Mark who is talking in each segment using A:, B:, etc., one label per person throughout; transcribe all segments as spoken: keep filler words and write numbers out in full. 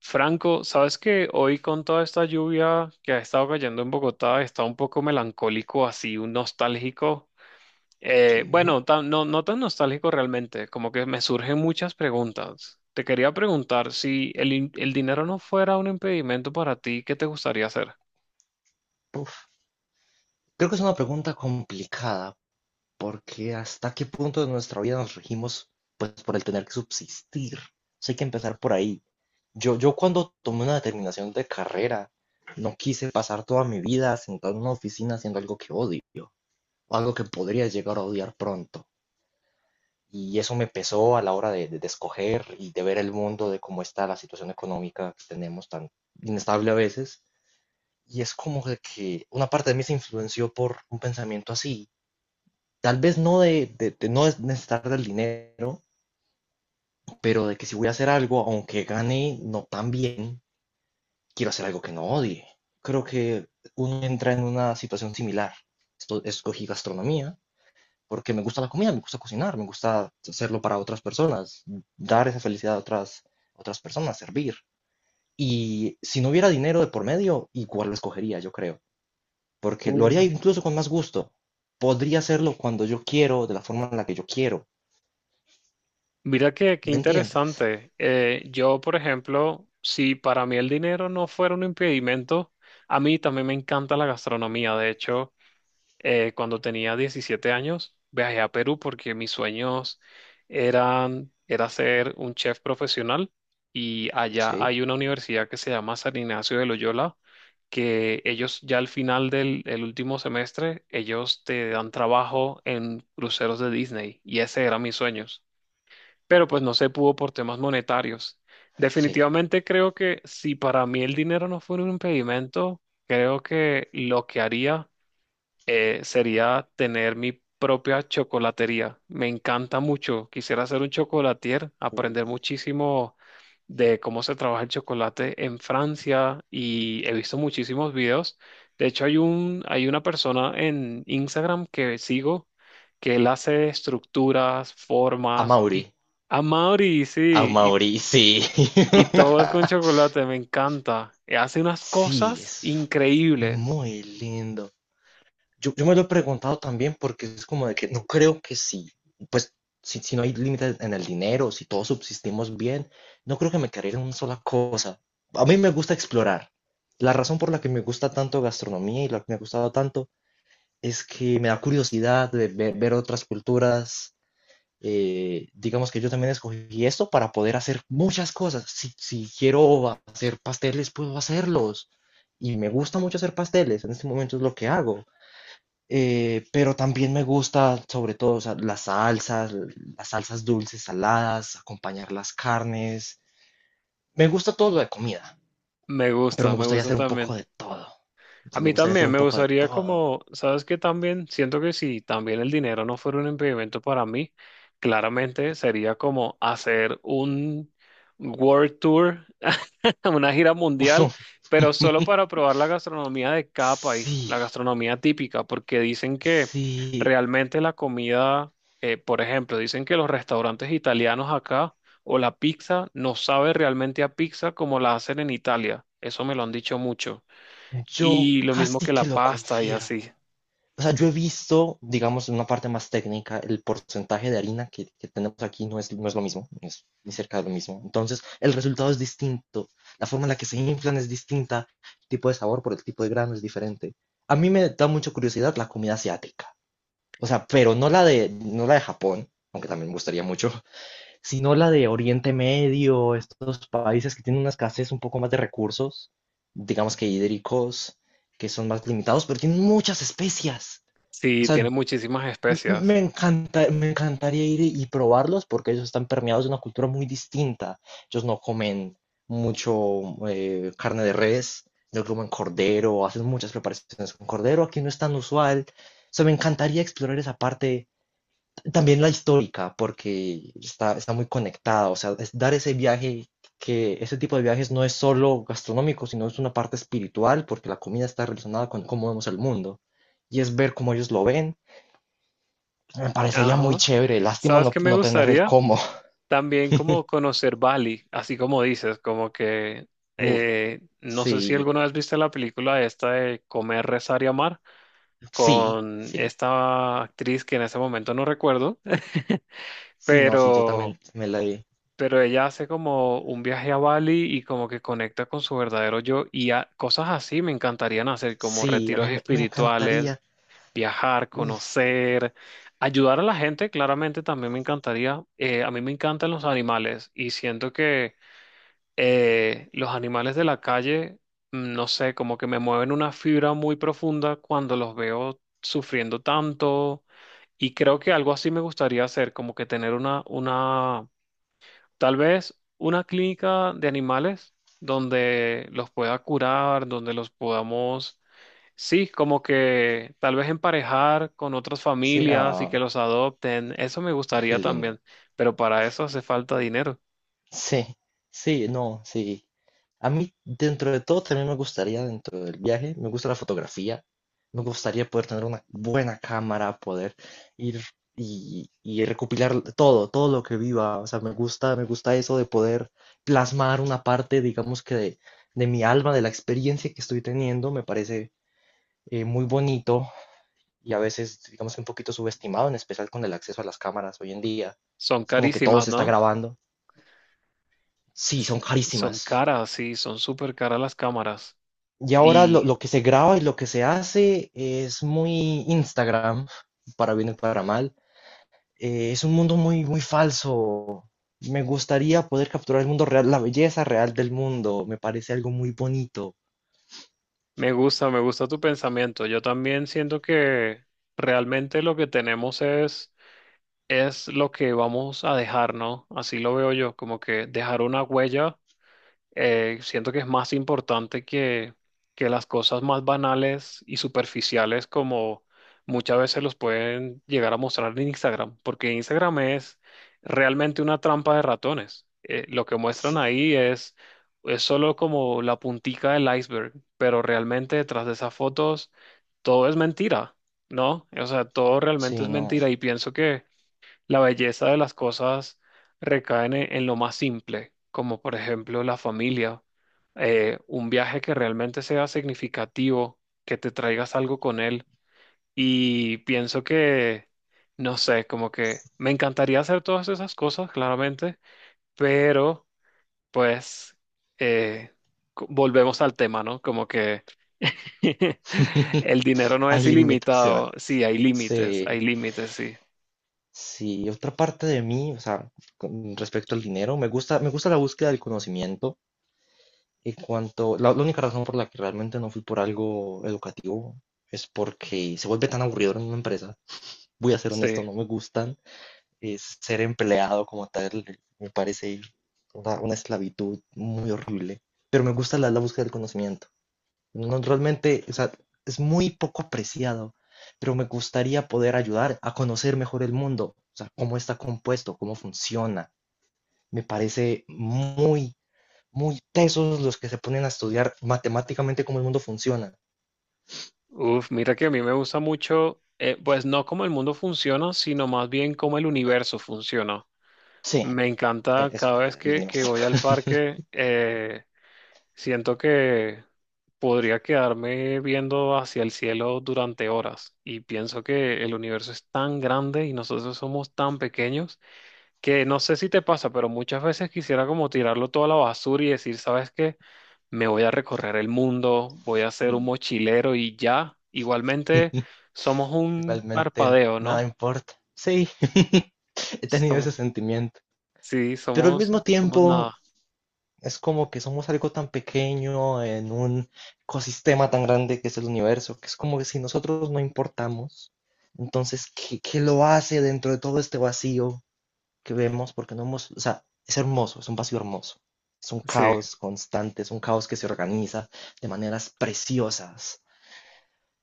A: Franco, sabes que hoy con toda esta lluvia que ha estado cayendo en Bogotá, está un poco melancólico, así, un nostálgico. Eh,
B: Sí.
A: bueno, tan- no, no tan nostálgico realmente, como que me surgen muchas preguntas. Te quería preguntar si el, in- el dinero no fuera un impedimento para ti, ¿qué te gustaría hacer?
B: Uf. Creo que es una pregunta complicada porque hasta qué punto de nuestra vida nos regimos pues por el tener que subsistir. Entonces, hay que empezar por ahí. Yo, yo cuando tomé una determinación de carrera, no quise pasar toda mi vida sentado en una oficina haciendo algo que odio o algo que podría llegar a odiar pronto. Y eso me pesó a la hora de, de- de escoger y de ver el mundo, de cómo está la situación económica que tenemos tan inestable a veces. Y es como de que una parte de mí se influenció por un pensamiento así. Tal vez no de, de, de no necesitar del dinero, pero de que si voy a hacer algo, aunque gane no tan bien, quiero hacer algo que no odie. Creo que uno entra en una situación similar. Esto, escogí gastronomía porque me gusta la comida, me gusta cocinar, me gusta hacerlo para otras personas, dar esa felicidad a otras, otras personas, servir. Y si no hubiera dinero de por medio, igual lo escogería, yo creo, porque lo haría
A: Uy.
B: incluso con más gusto. Podría hacerlo cuando yo quiero, de la forma en la que yo quiero.
A: Mira que qué
B: ¿Me entiendes?
A: interesante. Eh, yo, por ejemplo, si para mí el dinero no fuera un impedimento, a mí también me encanta la gastronomía. De hecho, eh, cuando tenía diecisiete años, viajé a Perú porque mis sueños eran, era ser un chef profesional, y allá
B: Sí.
A: hay una universidad que se llama San Ignacio de Loyola, que ellos ya al final del el último semestre, ellos te dan trabajo en cruceros de Disney y ese era mis sueños, pero pues no se pudo por temas monetarios.
B: Sí.
A: Definitivamente creo que si para mí el dinero no fuera un impedimento, creo que lo que haría eh, sería tener mi propia chocolatería. Me encanta mucho. Quisiera ser un chocolatier, aprender muchísimo de cómo se trabaja el chocolate en Francia y he visto muchísimos videos. De hecho, hay un, hay una persona en Instagram que sigo que él hace estructuras,
B: A
A: formas
B: Mauri.
A: y a Mauri,
B: A
A: sí, y,
B: Mauri, sí.
A: y todo es con chocolate, me encanta. Hace unas
B: Sí,
A: cosas
B: es
A: increíbles.
B: muy lindo. Yo, yo me lo he preguntado también porque es como de que no creo que sí. Pues si, si no hay límites en el dinero, si todos subsistimos bien, no creo que me quedaría en una sola cosa. A mí me gusta explorar. La razón por la que me gusta tanto gastronomía y la que me ha gustado tanto es que me da curiosidad de ver, ver otras culturas. Eh, digamos que yo también escogí esto para poder hacer muchas cosas. Si, si quiero hacer pasteles, puedo hacerlos. Y me gusta mucho hacer pasteles, en este momento es lo que hago. Eh, pero también me gusta, sobre todo, o sea, las salsas, las salsas dulces, saladas, acompañar las carnes. Me gusta todo lo de comida,
A: Me
B: pero
A: gusta,
B: me
A: me
B: gustaría
A: gusta
B: hacer un poco
A: también.
B: de todo. O
A: A
B: sea, me
A: mí
B: gustaría hacer
A: también
B: un
A: me
B: poco de
A: gustaría
B: todo.
A: como, ¿sabes qué? También siento que si también el dinero no fuera un impedimento para mí, claramente sería como hacer un World Tour, una gira mundial, pero solo para probar la gastronomía de cada país, la
B: Sí.
A: gastronomía típica, porque dicen que
B: Sí,
A: realmente la comida, eh, por ejemplo, dicen que los restaurantes italianos acá o la pizza no sabe realmente a pizza como la hacen en Italia. Eso me lo han dicho mucho.
B: yo
A: Y lo mismo
B: casi
A: que
B: que
A: la
B: lo
A: pasta y
B: confirmo.
A: así.
B: O sea, yo he visto, digamos, en una parte más técnica, el porcentaje de harina que, que tenemos aquí no es, no es lo mismo, no es ni cerca de lo mismo. Entonces, el resultado es distinto, la forma en la que se inflan es distinta, el tipo de sabor por el tipo de grano es diferente. A mí me da mucha curiosidad la comida asiática, o sea, pero no la de, no la de Japón, aunque también me gustaría mucho, sino la de Oriente Medio, estos países que tienen una escasez un poco más de recursos, digamos que hídricos, que son más limitados, pero tienen muchas especias. O
A: Sí,
B: sea,
A: tiene muchísimas
B: m- me
A: especias.
B: encanta, me encantaría ir y probarlos porque ellos están permeados de una cultura muy distinta. Ellos no comen mucho eh, carne de res, no comen cordero, hacen muchas preparaciones con cordero, aquí no es tan usual. O sea, me encantaría explorar esa parte también la histórica, porque está, está muy conectada, o sea, es dar ese viaje, que ese tipo de viajes no es solo gastronómico, sino es una parte espiritual, porque la comida está relacionada con cómo vemos el mundo, y es ver cómo ellos lo ven. Me parecería muy
A: Ajá.
B: chévere, lástima
A: ¿Sabes
B: no,
A: qué me
B: no tener el
A: gustaría?
B: cómo.
A: También como conocer Bali, así como dices, como que
B: Uf,
A: eh, no
B: sí,
A: sé si alguna vez viste la película esta de Comer, Rezar y Amar
B: sí,
A: con
B: sí,
A: esta actriz que en ese momento no recuerdo,
B: sí, no, sí, yo
A: pero,
B: también me la di.
A: pero ella hace como un viaje a Bali y como que conecta con su verdadero yo y a- cosas así me encantarían hacer, como
B: Sí, a
A: retiros
B: mí me, me
A: espirituales,
B: encantaría.
A: viajar,
B: Uf,
A: conocer, ayudar a la gente, claramente también me encantaría. Eh, a mí me encantan los animales y siento que eh, los animales de la calle, mm, no sé, como que me mueven una fibra muy profunda cuando los veo sufriendo tanto, y creo que algo así me gustaría hacer, como que tener una, una, tal vez una clínica de animales donde los pueda curar, donde los podamos. Sí, como que tal vez emparejar con otras
B: sí,
A: familias y que
B: ah,
A: los adopten, eso me
B: qué
A: gustaría
B: lindo.
A: también, pero para eso hace falta dinero.
B: Sí, sí, no, sí. A mí, dentro de todo, también me gustaría, dentro del viaje, me gusta la fotografía. Me gustaría poder tener una buena cámara, poder ir y, y recopilar todo, todo lo que viva. O sea, me gusta, me gusta eso de poder plasmar una parte, digamos que de, de mi alma, de la experiencia que estoy teniendo. Me parece eh, muy bonito y a veces, digamos que un poquito subestimado, en especial con el acceso a las cámaras hoy en día.
A: Son
B: Es como que todo
A: carísimas,
B: se está
A: ¿no?
B: grabando. Sí,
A: S-
B: son
A: Son
B: carísimas.
A: caras, sí, son súper caras las cámaras.
B: Y ahora lo,
A: Y
B: lo que se graba y lo que se hace es muy Instagram, para bien y para mal. Eh, es un mundo muy, muy falso. Me gustaría poder capturar el mundo real, la belleza real del mundo. Me parece algo muy bonito.
A: me gusta, me gusta tu pensamiento. Yo también siento que realmente lo que tenemos es, es lo que vamos a dejar, ¿no? Así lo veo yo, como que dejar una huella. Eh, siento que es más importante que, que las cosas más banales y superficiales como muchas veces los pueden llegar a mostrar en Instagram, porque Instagram es realmente una trampa de ratones. Eh, lo que muestran
B: Sí,
A: ahí es, es solo como la puntica del iceberg, pero realmente detrás de esas fotos todo es mentira, ¿no? O sea, todo realmente es
B: sí, no.
A: mentira y pienso que la belleza de las cosas recae en, en lo más simple, como por ejemplo la familia, eh, un viaje que realmente sea significativo, que te traigas algo con él. Y pienso que, no sé, como que me encantaría hacer todas esas cosas, claramente, pero pues eh, co- volvemos al tema, ¿no? Como que el dinero no
B: Hay
A: es ilimitado, sí,
B: limitaciones.
A: hay límites, hay
B: Sí,
A: límites, sí,
B: sí. Otra parte de mí, o sea, con respecto al dinero, me gusta, me gusta la búsqueda del conocimiento. Y cuanto, la, la única razón por la que realmente no fui por algo educativo es porque se vuelve tan aburrido en una empresa. Voy a ser honesto,
A: sí.
B: no me gustan. Es ser empleado como tal me parece una, una esclavitud muy horrible. Pero me gusta la, la búsqueda del conocimiento. No, realmente, o sea, es muy poco apreciado, pero me gustaría poder ayudar a conocer mejor el mundo, o sea, cómo está compuesto, cómo funciona. Me parece muy muy tesos los que se ponen a estudiar matemáticamente cómo el mundo funciona.
A: Uf, mira que a mí me gusta mucho, eh, pues no cómo el mundo funciona, sino más bien cómo el universo funciona.
B: Sí,
A: Me encanta
B: eso,
A: cada vez
B: el
A: que, que
B: universo.
A: voy al parque, eh, siento que podría quedarme viendo hacia el cielo durante horas y pienso que el universo es tan grande y nosotros somos tan pequeños que no sé si te pasa, pero muchas veces quisiera como tirarlo todo a la basura y decir, ¿sabes qué? Me voy a recorrer el mundo, voy a ser un mochilero y ya, igualmente somos un
B: Igualmente,
A: parpadeo,
B: nada
A: ¿no?
B: importa. Sí, he tenido
A: Som-
B: ese sentimiento.
A: sí,
B: Pero al
A: somos,
B: mismo
A: somos
B: tiempo,
A: nada,
B: es como que somos algo tan pequeño en un ecosistema tan grande que es el universo, que es como que si nosotros no importamos, entonces, ¿qué, qué lo hace dentro de todo este vacío que vemos porque no hemos, o sea, es hermoso, es un vacío hermoso, es un
A: sí.
B: caos constante, es un caos que se organiza de maneras preciosas,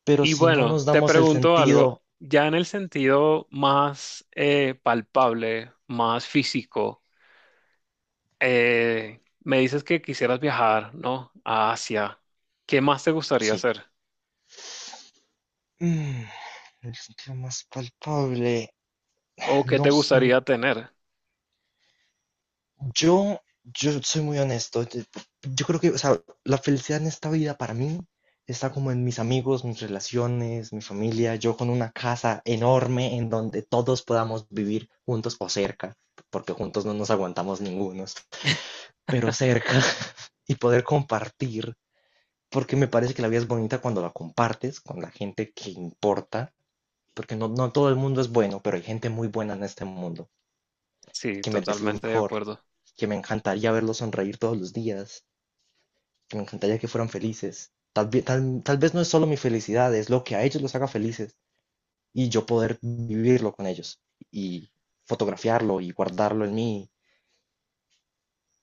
B: pero
A: Y
B: si no
A: bueno,
B: nos
A: te
B: damos el
A: pregunto algo,
B: sentido,
A: ya en el sentido más eh, palpable, más físico, eh, me dices que quisieras viajar, ¿no? A Asia. ¿Qué más te gustaría
B: sí.
A: hacer?
B: Mm, el sentido más palpable,
A: ¿O qué
B: no.
A: te gustaría tener?
B: Yo, yo soy muy honesto. Yo yo creo que, o sea, la felicidad en esta vida para mí está como en mis amigos, mis relaciones, mi familia, yo con una casa enorme en donde todos podamos vivir juntos o cerca, porque juntos no nos aguantamos ningunos, pero cerca y poder compartir, porque me parece que la vida es bonita cuando la compartes con la gente que importa, porque no, no todo el mundo es bueno, pero hay gente muy buena en este mundo
A: Sí,
B: que merece lo
A: totalmente de
B: mejor,
A: acuerdo.
B: que me encantaría verlos sonreír todos los días, que me encantaría que fueran felices. Tal, ve- tal, tal vez no es solo mi felicidad, es lo que a ellos los haga felices y yo poder vivirlo con ellos y fotografiarlo y guardarlo en mí.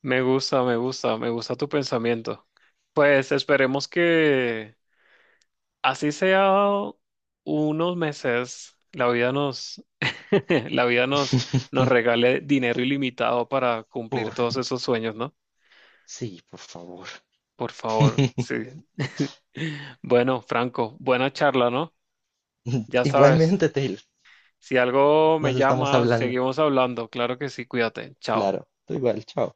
A: Me gusta, me gusta, me gusta tu pensamiento. Pues esperemos que así sea unos meses, la vida nos, la vida nos, nos regale dinero ilimitado para cumplir
B: Por-
A: todos esos sueños, ¿no?
B: sí, por favor.
A: Por favor, sí. Bueno, Franco, buena charla, ¿no? Ya sabes,
B: Igualmente, Taylor,
A: si algo
B: nos
A: me
B: estamos
A: llama,
B: hablando.
A: seguimos hablando. Claro que sí, cuídate. Chao.
B: Claro, tú igual, chao.